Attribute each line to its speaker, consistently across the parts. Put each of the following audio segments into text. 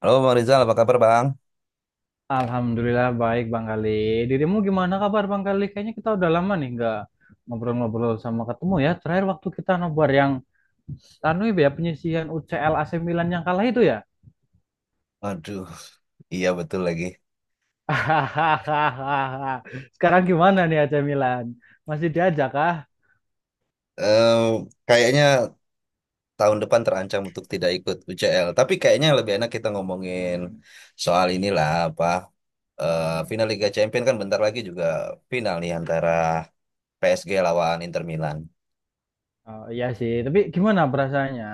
Speaker 1: Halo Bang Rizal, apa kabar Bang?
Speaker 2: Alhamdulillah baik Bang Kali. Dirimu gimana kabar Bang Kali? Kayaknya kita udah lama nih nggak ngobrol-ngobrol sama ketemu ya. Terakhir waktu kita nobar yang anu ya penyisihan UCL AC Milan yang kalah itu ya.
Speaker 1: Aduh, iya betul lagi.
Speaker 2: Sekarang gimana nih AC Milan? Masih diajak kah?
Speaker 1: Eh, Kayaknya tahun depan terancam untuk tidak ikut UCL. Tapi kayaknya lebih enak kita ngomongin soal inilah final Liga Champions kan bentar lagi juga final nih antara PSG lawan Inter Milan.
Speaker 2: Oh, iya sih, tapi gimana perasaannya?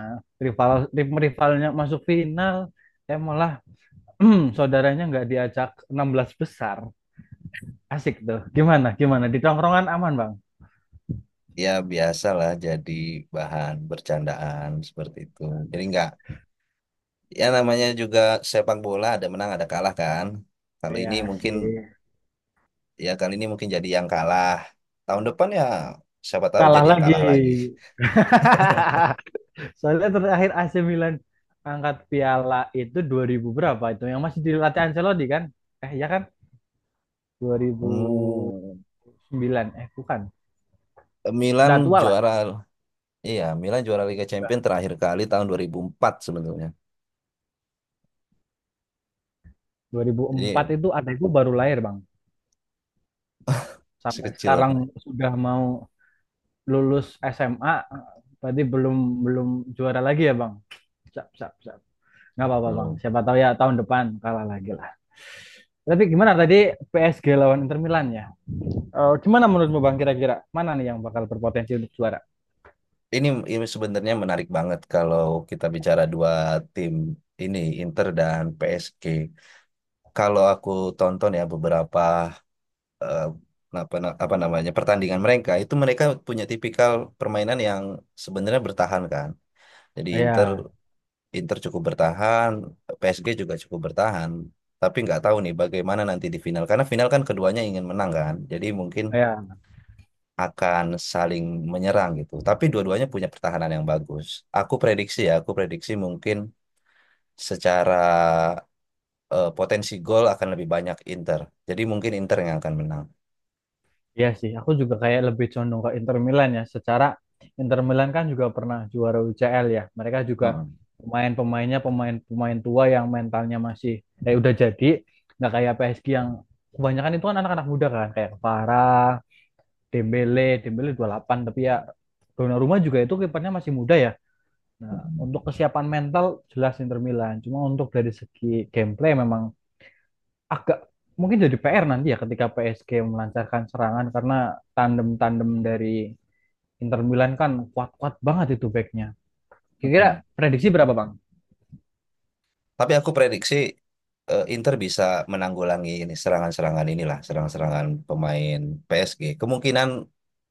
Speaker 2: Rival, tim rivalnya masuk final, eh malah saudaranya nggak diajak 16 besar. Asik tuh. Gimana? Gimana? Di tongkrongan aman, Bang?
Speaker 1: Ya biasalah jadi bahan bercandaan seperti itu. Jadi nggak, ya namanya juga sepak bola ada menang ada kalah kan. Kali ini
Speaker 2: Iya
Speaker 1: mungkin
Speaker 2: sih.
Speaker 1: Ya kali ini mungkin jadi yang kalah. Tahun depan ya siapa tahu
Speaker 2: Kalah
Speaker 1: jadi yang
Speaker 2: lagi.
Speaker 1: kalah lagi.
Speaker 2: Soalnya terakhir AC Milan angkat piala itu 2000 berapa itu? Yang masih dilatih Ancelotti kan? Eh ya kan? dua ribu
Speaker 1: Hmm,
Speaker 2: sembilan Eh, bukan.
Speaker 1: Milan
Speaker 2: Udah tua lah.
Speaker 1: juara. Iya, Milan juara Liga
Speaker 2: Udah.
Speaker 1: Champions terakhir kali tahun 2004 sebenarnya.
Speaker 2: dua ribu
Speaker 1: Jadi
Speaker 2: empat itu adekku baru lahir Bang. Sampai
Speaker 1: sekecil loh.
Speaker 2: sekarang sudah mau lulus SMA. Berarti belum belum juara lagi ya Bang? Siap, siap, siap. Nggak apa-apa Bang.
Speaker 1: Belum.
Speaker 2: Siapa tahu ya tahun depan kalah lagi lah. Tapi gimana tadi PSG lawan Inter Milan ya? Gimana menurutmu Bang kira-kira mana nih yang bakal berpotensi untuk juara?
Speaker 1: Ini ini sebenarnya menarik banget kalau kita bicara dua tim ini Inter dan PSG. Kalau aku tonton ya beberapa eh, apa apa namanya pertandingan mereka itu mereka punya tipikal permainan yang sebenarnya bertahan kan. Jadi Inter
Speaker 2: Ya,
Speaker 1: Inter cukup bertahan, PSG juga cukup bertahan. Tapi nggak tahu nih bagaimana nanti di final. Karena final kan keduanya ingin menang kan. Jadi mungkin
Speaker 2: ya,
Speaker 1: akan saling menyerang gitu. Tapi dua-duanya punya pertahanan yang bagus. Aku prediksi mungkin secara potensi gol akan lebih banyak Inter. Jadi mungkin Inter yang akan menang.
Speaker 2: ya sih. Aku juga kayak lebih condong ke Inter Milan ya. Secara Inter Milan kan juga pernah juara UCL ya. Mereka juga
Speaker 1: Heeh.
Speaker 2: pemain-pemainnya pemain-pemain tua yang mentalnya masih udah jadi. Nggak kayak PSG yang kebanyakan itu kan anak-anak muda kan kayak Farah, Dembele, Dembele 28. Tapi ya Donnarumma juga itu kipernya masih muda ya. Nah, untuk kesiapan mental jelas Inter Milan. Cuma untuk dari segi gameplay memang agak mungkin jadi PR nanti ya ketika PSG melancarkan serangan karena tandem-tandem dari Inter Milan kan kuat-kuat banget itu backnya.
Speaker 1: Heeh.
Speaker 2: Kira-kira prediksi berapa Bang?
Speaker 1: Tapi aku prediksi Inter bisa menanggulangi ini serangan-serangan inilah, serangan-serangan pemain PSG. Kemungkinan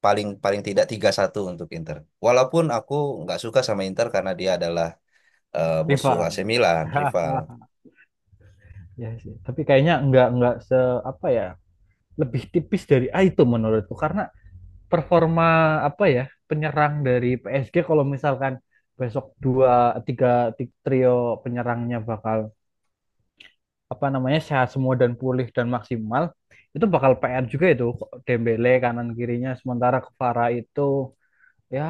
Speaker 1: paling paling tidak 3-1 untuk Inter. Walaupun aku nggak suka sama Inter karena dia adalah musuh
Speaker 2: Rival.
Speaker 1: AC Milan, rival.
Speaker 2: Ya sih. Tapi kayaknya nggak se apa ya lebih tipis dari A itu menurutku, karena performa apa ya penyerang dari PSG kalau misalkan besok dua tiga trio penyerangnya bakal apa namanya sehat semua dan pulih dan maksimal itu bakal PR juga itu. Dembele kanan kirinya sementara Kvara itu ya,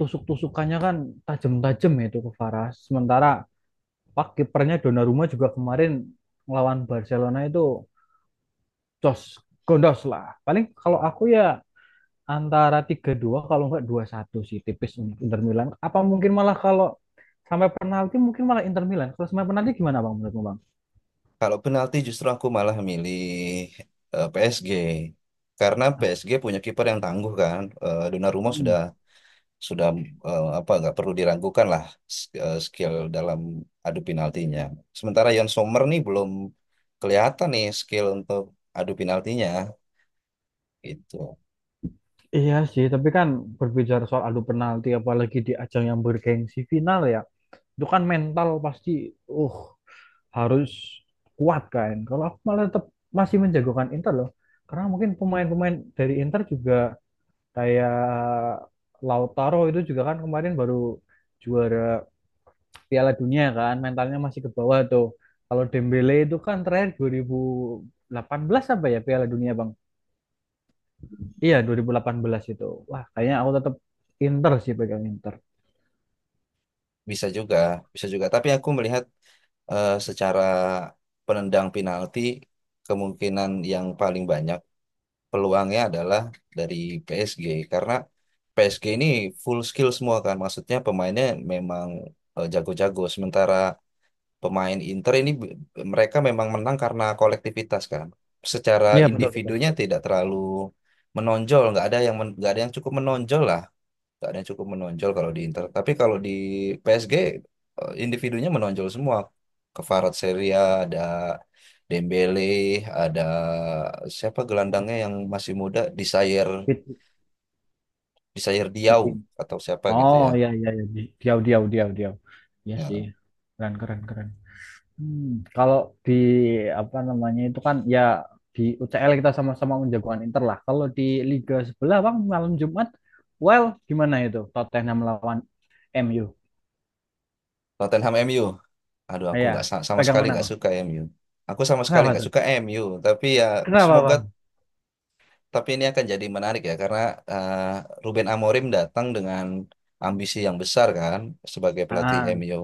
Speaker 2: tusuk-tusukannya kan tajam-tajam ya itu Kvara. Sementara pak kipernya Donnarumma juga kemarin melawan Barcelona itu jos gondos lah. Paling kalau aku ya antara 3-2 kalau nggak 2-1 sih, tipis untuk Inter Milan. Apa mungkin malah kalau sampai penalti, mungkin malah Inter Milan. Kalau sampai penalti gimana Bang, menurutmu Bang?
Speaker 1: Kalau penalti justru aku malah milih PSG. Karena PSG punya kiper yang tangguh kan. Donnarumma
Speaker 2: Hmm.
Speaker 1: sudah apa nggak perlu diragukan lah skill dalam adu penaltinya. Sementara Yon Sommer nih belum kelihatan nih skill untuk adu penaltinya gitu.
Speaker 2: Iya sih, tapi kan berbicara soal adu penalti, apalagi di ajang yang bergengsi final ya, itu kan mental pasti, uh, harus kuat kan. Kalau aku malah tetap masih menjagokan Inter loh, karena mungkin pemain-pemain dari Inter juga kayak Lautaro itu juga kan kemarin baru juara Piala Dunia kan, mentalnya masih ke bawah tuh. Kalau Dembele itu kan terakhir 2018 apa ya Piala Dunia Bang? Iya, 2018 itu. Wah, kayaknya aku tetap Inter sih, pegang Inter.
Speaker 1: Bisa juga, bisa juga. Tapi aku melihat secara penendang penalti kemungkinan yang paling banyak peluangnya adalah dari PSG karena PSG ini full skill semua kan. Maksudnya pemainnya memang jago-jago. Sementara pemain Inter mereka memang menang karena kolektivitas kan. Secara
Speaker 2: Iya, betul betul.
Speaker 1: individunya
Speaker 2: Betul.
Speaker 1: tidak terlalu menonjol, nggak ada yang cukup menonjol lah, nggak ada yang cukup menonjol kalau di Inter. Tapi kalau di PSG individunya menonjol semua. Kvaratskhelia ada Dembele, ada siapa gelandangnya yang masih muda, Desire
Speaker 2: Fit,
Speaker 1: Desire Diaw
Speaker 2: fitin.
Speaker 1: atau siapa gitu
Speaker 2: Oh,
Speaker 1: ya.
Speaker 2: iya iya iya. Diau diau diau diau. Iya sih.
Speaker 1: Nah,
Speaker 2: Keren keren keren. Hmm, kalau di apa namanya itu kan ya di UCL kita sama-sama menjagoan Inter lah. Kalau di Liga sebelah Bang malam Jumat, well gimana itu Tottenham lawan MU?
Speaker 1: Tottenham MU. Aduh,
Speaker 2: Ah,
Speaker 1: aku
Speaker 2: iya,
Speaker 1: nggak sa- sama
Speaker 2: pegang
Speaker 1: sekali
Speaker 2: mana
Speaker 1: nggak
Speaker 2: Bang?
Speaker 1: suka MU. Aku sama sekali
Speaker 2: Kenapa
Speaker 1: nggak
Speaker 2: tuh?
Speaker 1: suka MU. Tapi ya
Speaker 2: Kenapa
Speaker 1: semoga
Speaker 2: Bang?
Speaker 1: tapi ini akan jadi menarik ya karena eh, Ruben Amorim datang dengan ambisi yang besar kan sebagai pelatih
Speaker 2: Ah,
Speaker 1: MU.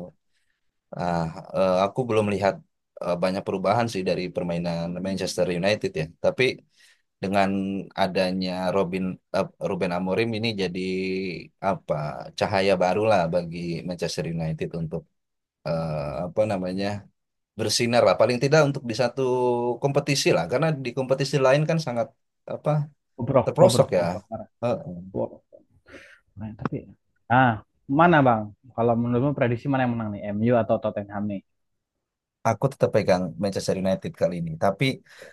Speaker 1: Ah, aku belum lihat banyak perubahan sih dari permainan Manchester United ya. Tapi dengan adanya Robin Ruben Amorim ini jadi apa cahaya barulah bagi Manchester United untuk apa namanya bersinar lah paling tidak untuk di satu kompetisi lah karena di kompetisi lain kan sangat apa
Speaker 2: bobrok,
Speaker 1: terprosok
Speaker 2: bobrok,
Speaker 1: ya.
Speaker 2: bobrok parah.
Speaker 1: Eh,
Speaker 2: Nah, tapi ah mana bang? Kalau menurutmu prediksi mana yang menang nih, MU atau Tottenham nih?
Speaker 1: aku tetap pegang Manchester United kali ini tapi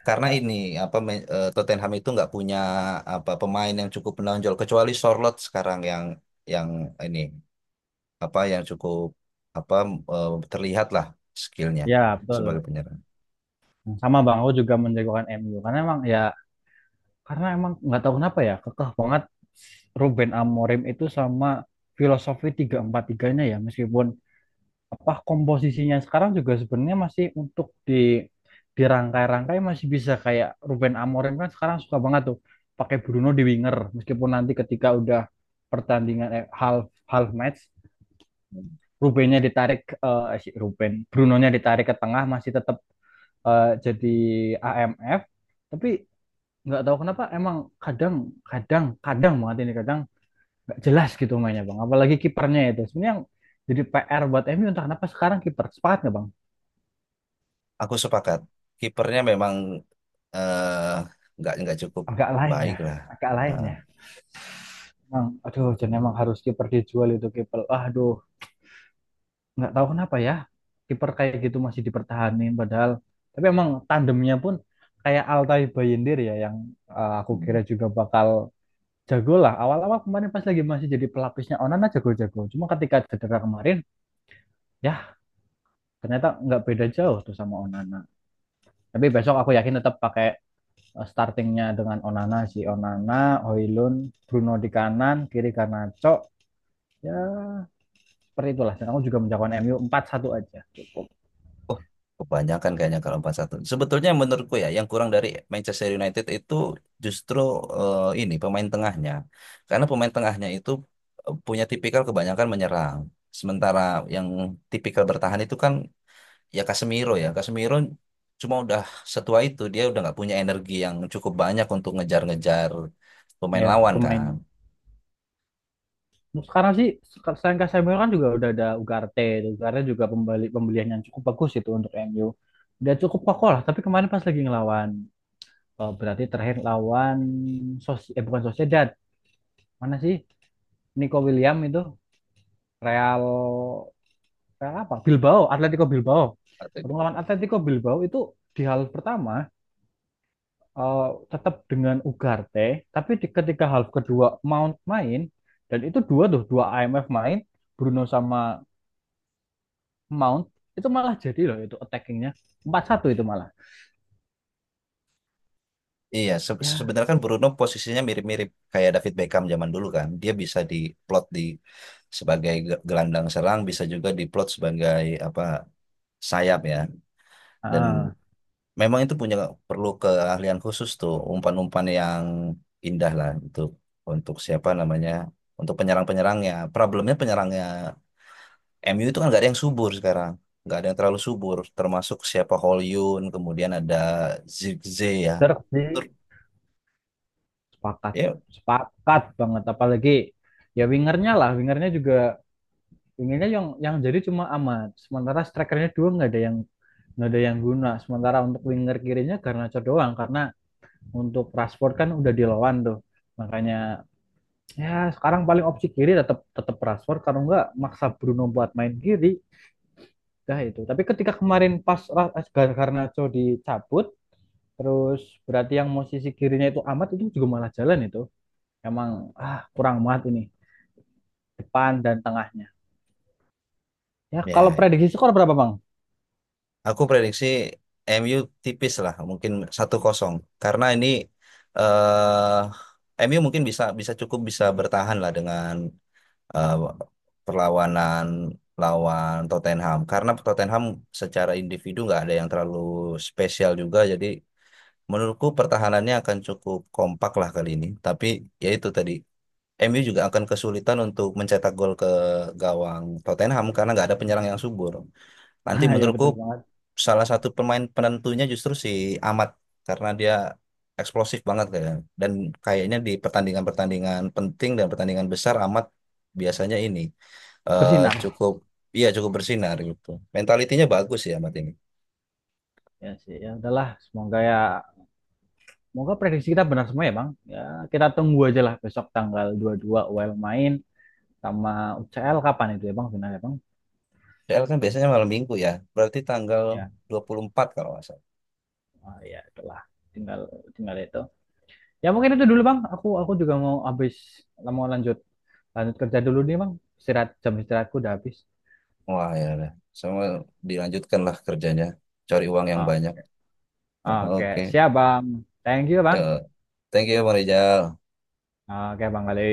Speaker 1: karena
Speaker 2: Ya,
Speaker 1: ini Tottenham itu nggak punya apa pemain yang cukup menonjol kecuali Sorloth sekarang yang ini apa yang cukup apa terlihat lah skillnya
Speaker 2: ya,
Speaker 1: sebagai
Speaker 2: betul.
Speaker 1: penyerang.
Speaker 2: Nah, sama bang, aku juga menjagokan MU karena emang ya, karena emang nggak tahu kenapa ya, kekeh banget Ruben Amorim itu sama filosofi tiga empat tiganya ya, meskipun apa komposisinya sekarang juga sebenarnya masih untuk di dirangkai-rangkai masih bisa. Kayak Ruben Amorim kan sekarang suka banget tuh pakai Bruno di winger meskipun nanti ketika udah pertandingan half half match Rubennya ditarik, eh si Ruben, Brunonya ditarik ke tengah masih tetap jadi AMF. Tapi nggak tahu kenapa emang kadang kadang kadang banget ini, kadang nggak jelas gitu mainnya bang. Apalagi kipernya itu sebenarnya yang jadi PR buat MU, entah kenapa sekarang kiper, sepakat nggak bang?
Speaker 1: Aku sepakat kipernya memang eh, nggak cukup
Speaker 2: Agak lain
Speaker 1: baik
Speaker 2: ya,
Speaker 1: lah.
Speaker 2: agak lain
Speaker 1: Eh,
Speaker 2: ya. Bang, aduh, jadi emang harus kiper dijual itu kiper. Aduh, nggak tahu kenapa ya kiper kayak gitu masih dipertahanin padahal. Tapi emang tandemnya pun kayak Altay Bayindir ya yang aku kira juga bakal jago lah, awal-awal kemarin pas lagi masih jadi pelapisnya Onana jago-jago, cuma ketika cedera kemarin ya ternyata nggak beda jauh tuh sama Onana. Tapi besok aku yakin tetap pakai startingnya dengan Onana, si Onana, Hoylund, Bruno di kanan kiri Garnacho ya, seperti itulah, dan aku juga menjagokan MU 4-1 aja cukup.
Speaker 1: Oh, kebanyakan kayaknya kalau 4-1. Sebetulnya menurutku ya, yang kurang dari Manchester United itu justru ini pemain tengahnya. Karena pemain tengahnya itu punya tipikal kebanyakan menyerang. Sementara yang tipikal bertahan itu kan ya. Casemiro cuma udah setua itu, dia udah nggak punya energi yang cukup banyak untuk ngejar-ngejar pemain
Speaker 2: Ya
Speaker 1: lawan
Speaker 2: pemain,
Speaker 1: kan.
Speaker 2: sekarang sih selain Casemiro kan juga udah ada Ugarte. Ugarte juga pembelian yang cukup bagus itu untuk MU. Udah cukup kokoh lah. Tapi kemarin pas lagi ngelawan berarti terakhir lawan eh bukan, Sociedad. Mana sih? Nico William itu Real, Real apa? Bilbao, Atletico Bilbao.
Speaker 1: Atau
Speaker 2: Waktu
Speaker 1: gitu.
Speaker 2: ngelawan Atletico Bilbao itu di half pertama eh, tetap dengan Ugarte, tapi di, ketika half kedua Mount main, dan itu dua tuh, dua IMF main, Bruno sama Mount, itu malah jadi loh, itu attackingnya 4-1 itu, malah
Speaker 1: Iya,
Speaker 2: ya
Speaker 1: sebenarnya kan Bruno posisinya mirip-mirip kayak David Beckham zaman dulu kan. Dia bisa diplot di sebagai gelandang serang, bisa juga diplot sebagai apa sayap ya. Dan
Speaker 2: ah,
Speaker 1: memang itu punya perlu keahlian khusus tuh, umpan-umpan yang indah lah untuk siapa namanya, untuk penyerang-penyerangnya. Problemnya penyerangnya MU itu kan nggak ada yang subur sekarang, nggak ada yang terlalu subur. Termasuk siapa Hollywood, kemudian ada Zirkzee ya.
Speaker 2: bener,
Speaker 1: Tur-
Speaker 2: sepakat,
Speaker 1: Ya,
Speaker 2: sepakat banget. Apalagi ya wingernya lah, wingernya juga, wingernya yang jadi cuma amat sementara strikernya dua nggak ada yang guna. Sementara untuk winger kirinya Garnacho doang karena untuk Rashford kan udah dilawan tuh, makanya ya sekarang paling opsi kiri tetap tetap Rashford kalau nggak maksa Bruno buat main kiri, dah itu. Tapi ketika kemarin pas eh, Garnacho dicabut, terus berarti yang mau sisi kirinya itu amat, itu juga malah jalan itu. Emang kurang banget ini depan dan tengahnya. Ya kalau
Speaker 1: ya,
Speaker 2: prediksi skor berapa Bang?
Speaker 1: aku prediksi MU tipis lah, mungkin 1-0. Karena ini eh MU mungkin bisa bisa cukup bisa bertahan lah dengan eh, perlawanan lawan Tottenham. Karena Tottenham secara individu nggak ada yang terlalu spesial juga. Jadi menurutku pertahanannya akan cukup kompak lah kali ini. Tapi ya itu tadi MU juga akan kesulitan untuk mencetak gol ke gawang Tottenham karena nggak ada penyerang yang subur. Nanti
Speaker 2: Nah ya
Speaker 1: menurutku
Speaker 2: betul banget,
Speaker 1: salah satu pemain penentunya justru si Amat karena dia eksplosif banget kayaknya. Dan kayaknya di pertandingan-pertandingan penting dan pertandingan besar Amat biasanya ini eh,
Speaker 2: bersinar.
Speaker 1: cukup iya cukup bersinar gitu. Mentalitinya bagus ya Amat ini.
Speaker 2: Ya sih, ya udahlah, semoga ya, semoga prediksi kita benar semua ya Bang. Ya kita tunggu aja lah, besok tanggal 22 UEL main, sama UCL kapan itu ya Bang, final ya Bang?
Speaker 1: PL kan biasanya malam minggu ya. Berarti tanggal
Speaker 2: Ya
Speaker 1: 24 kalau nggak salah.
Speaker 2: ya itulah, tinggal tinggal itu. Ya mungkin itu dulu Bang. Aku juga mau habis, mau lanjut lanjut kerja dulu nih Bang. Istirahat, jam istirahatku udah habis.
Speaker 1: Wah ya udah. Sama dilanjutkan lah kerjanya. Cari uang yang
Speaker 2: Ah,
Speaker 1: banyak.
Speaker 2: oke,
Speaker 1: Oke.
Speaker 2: siap Bang. Thank you
Speaker 1: Ya.
Speaker 2: Bang.
Speaker 1: Thank you ya Bang Rijal.
Speaker 2: Oke Bang Ali.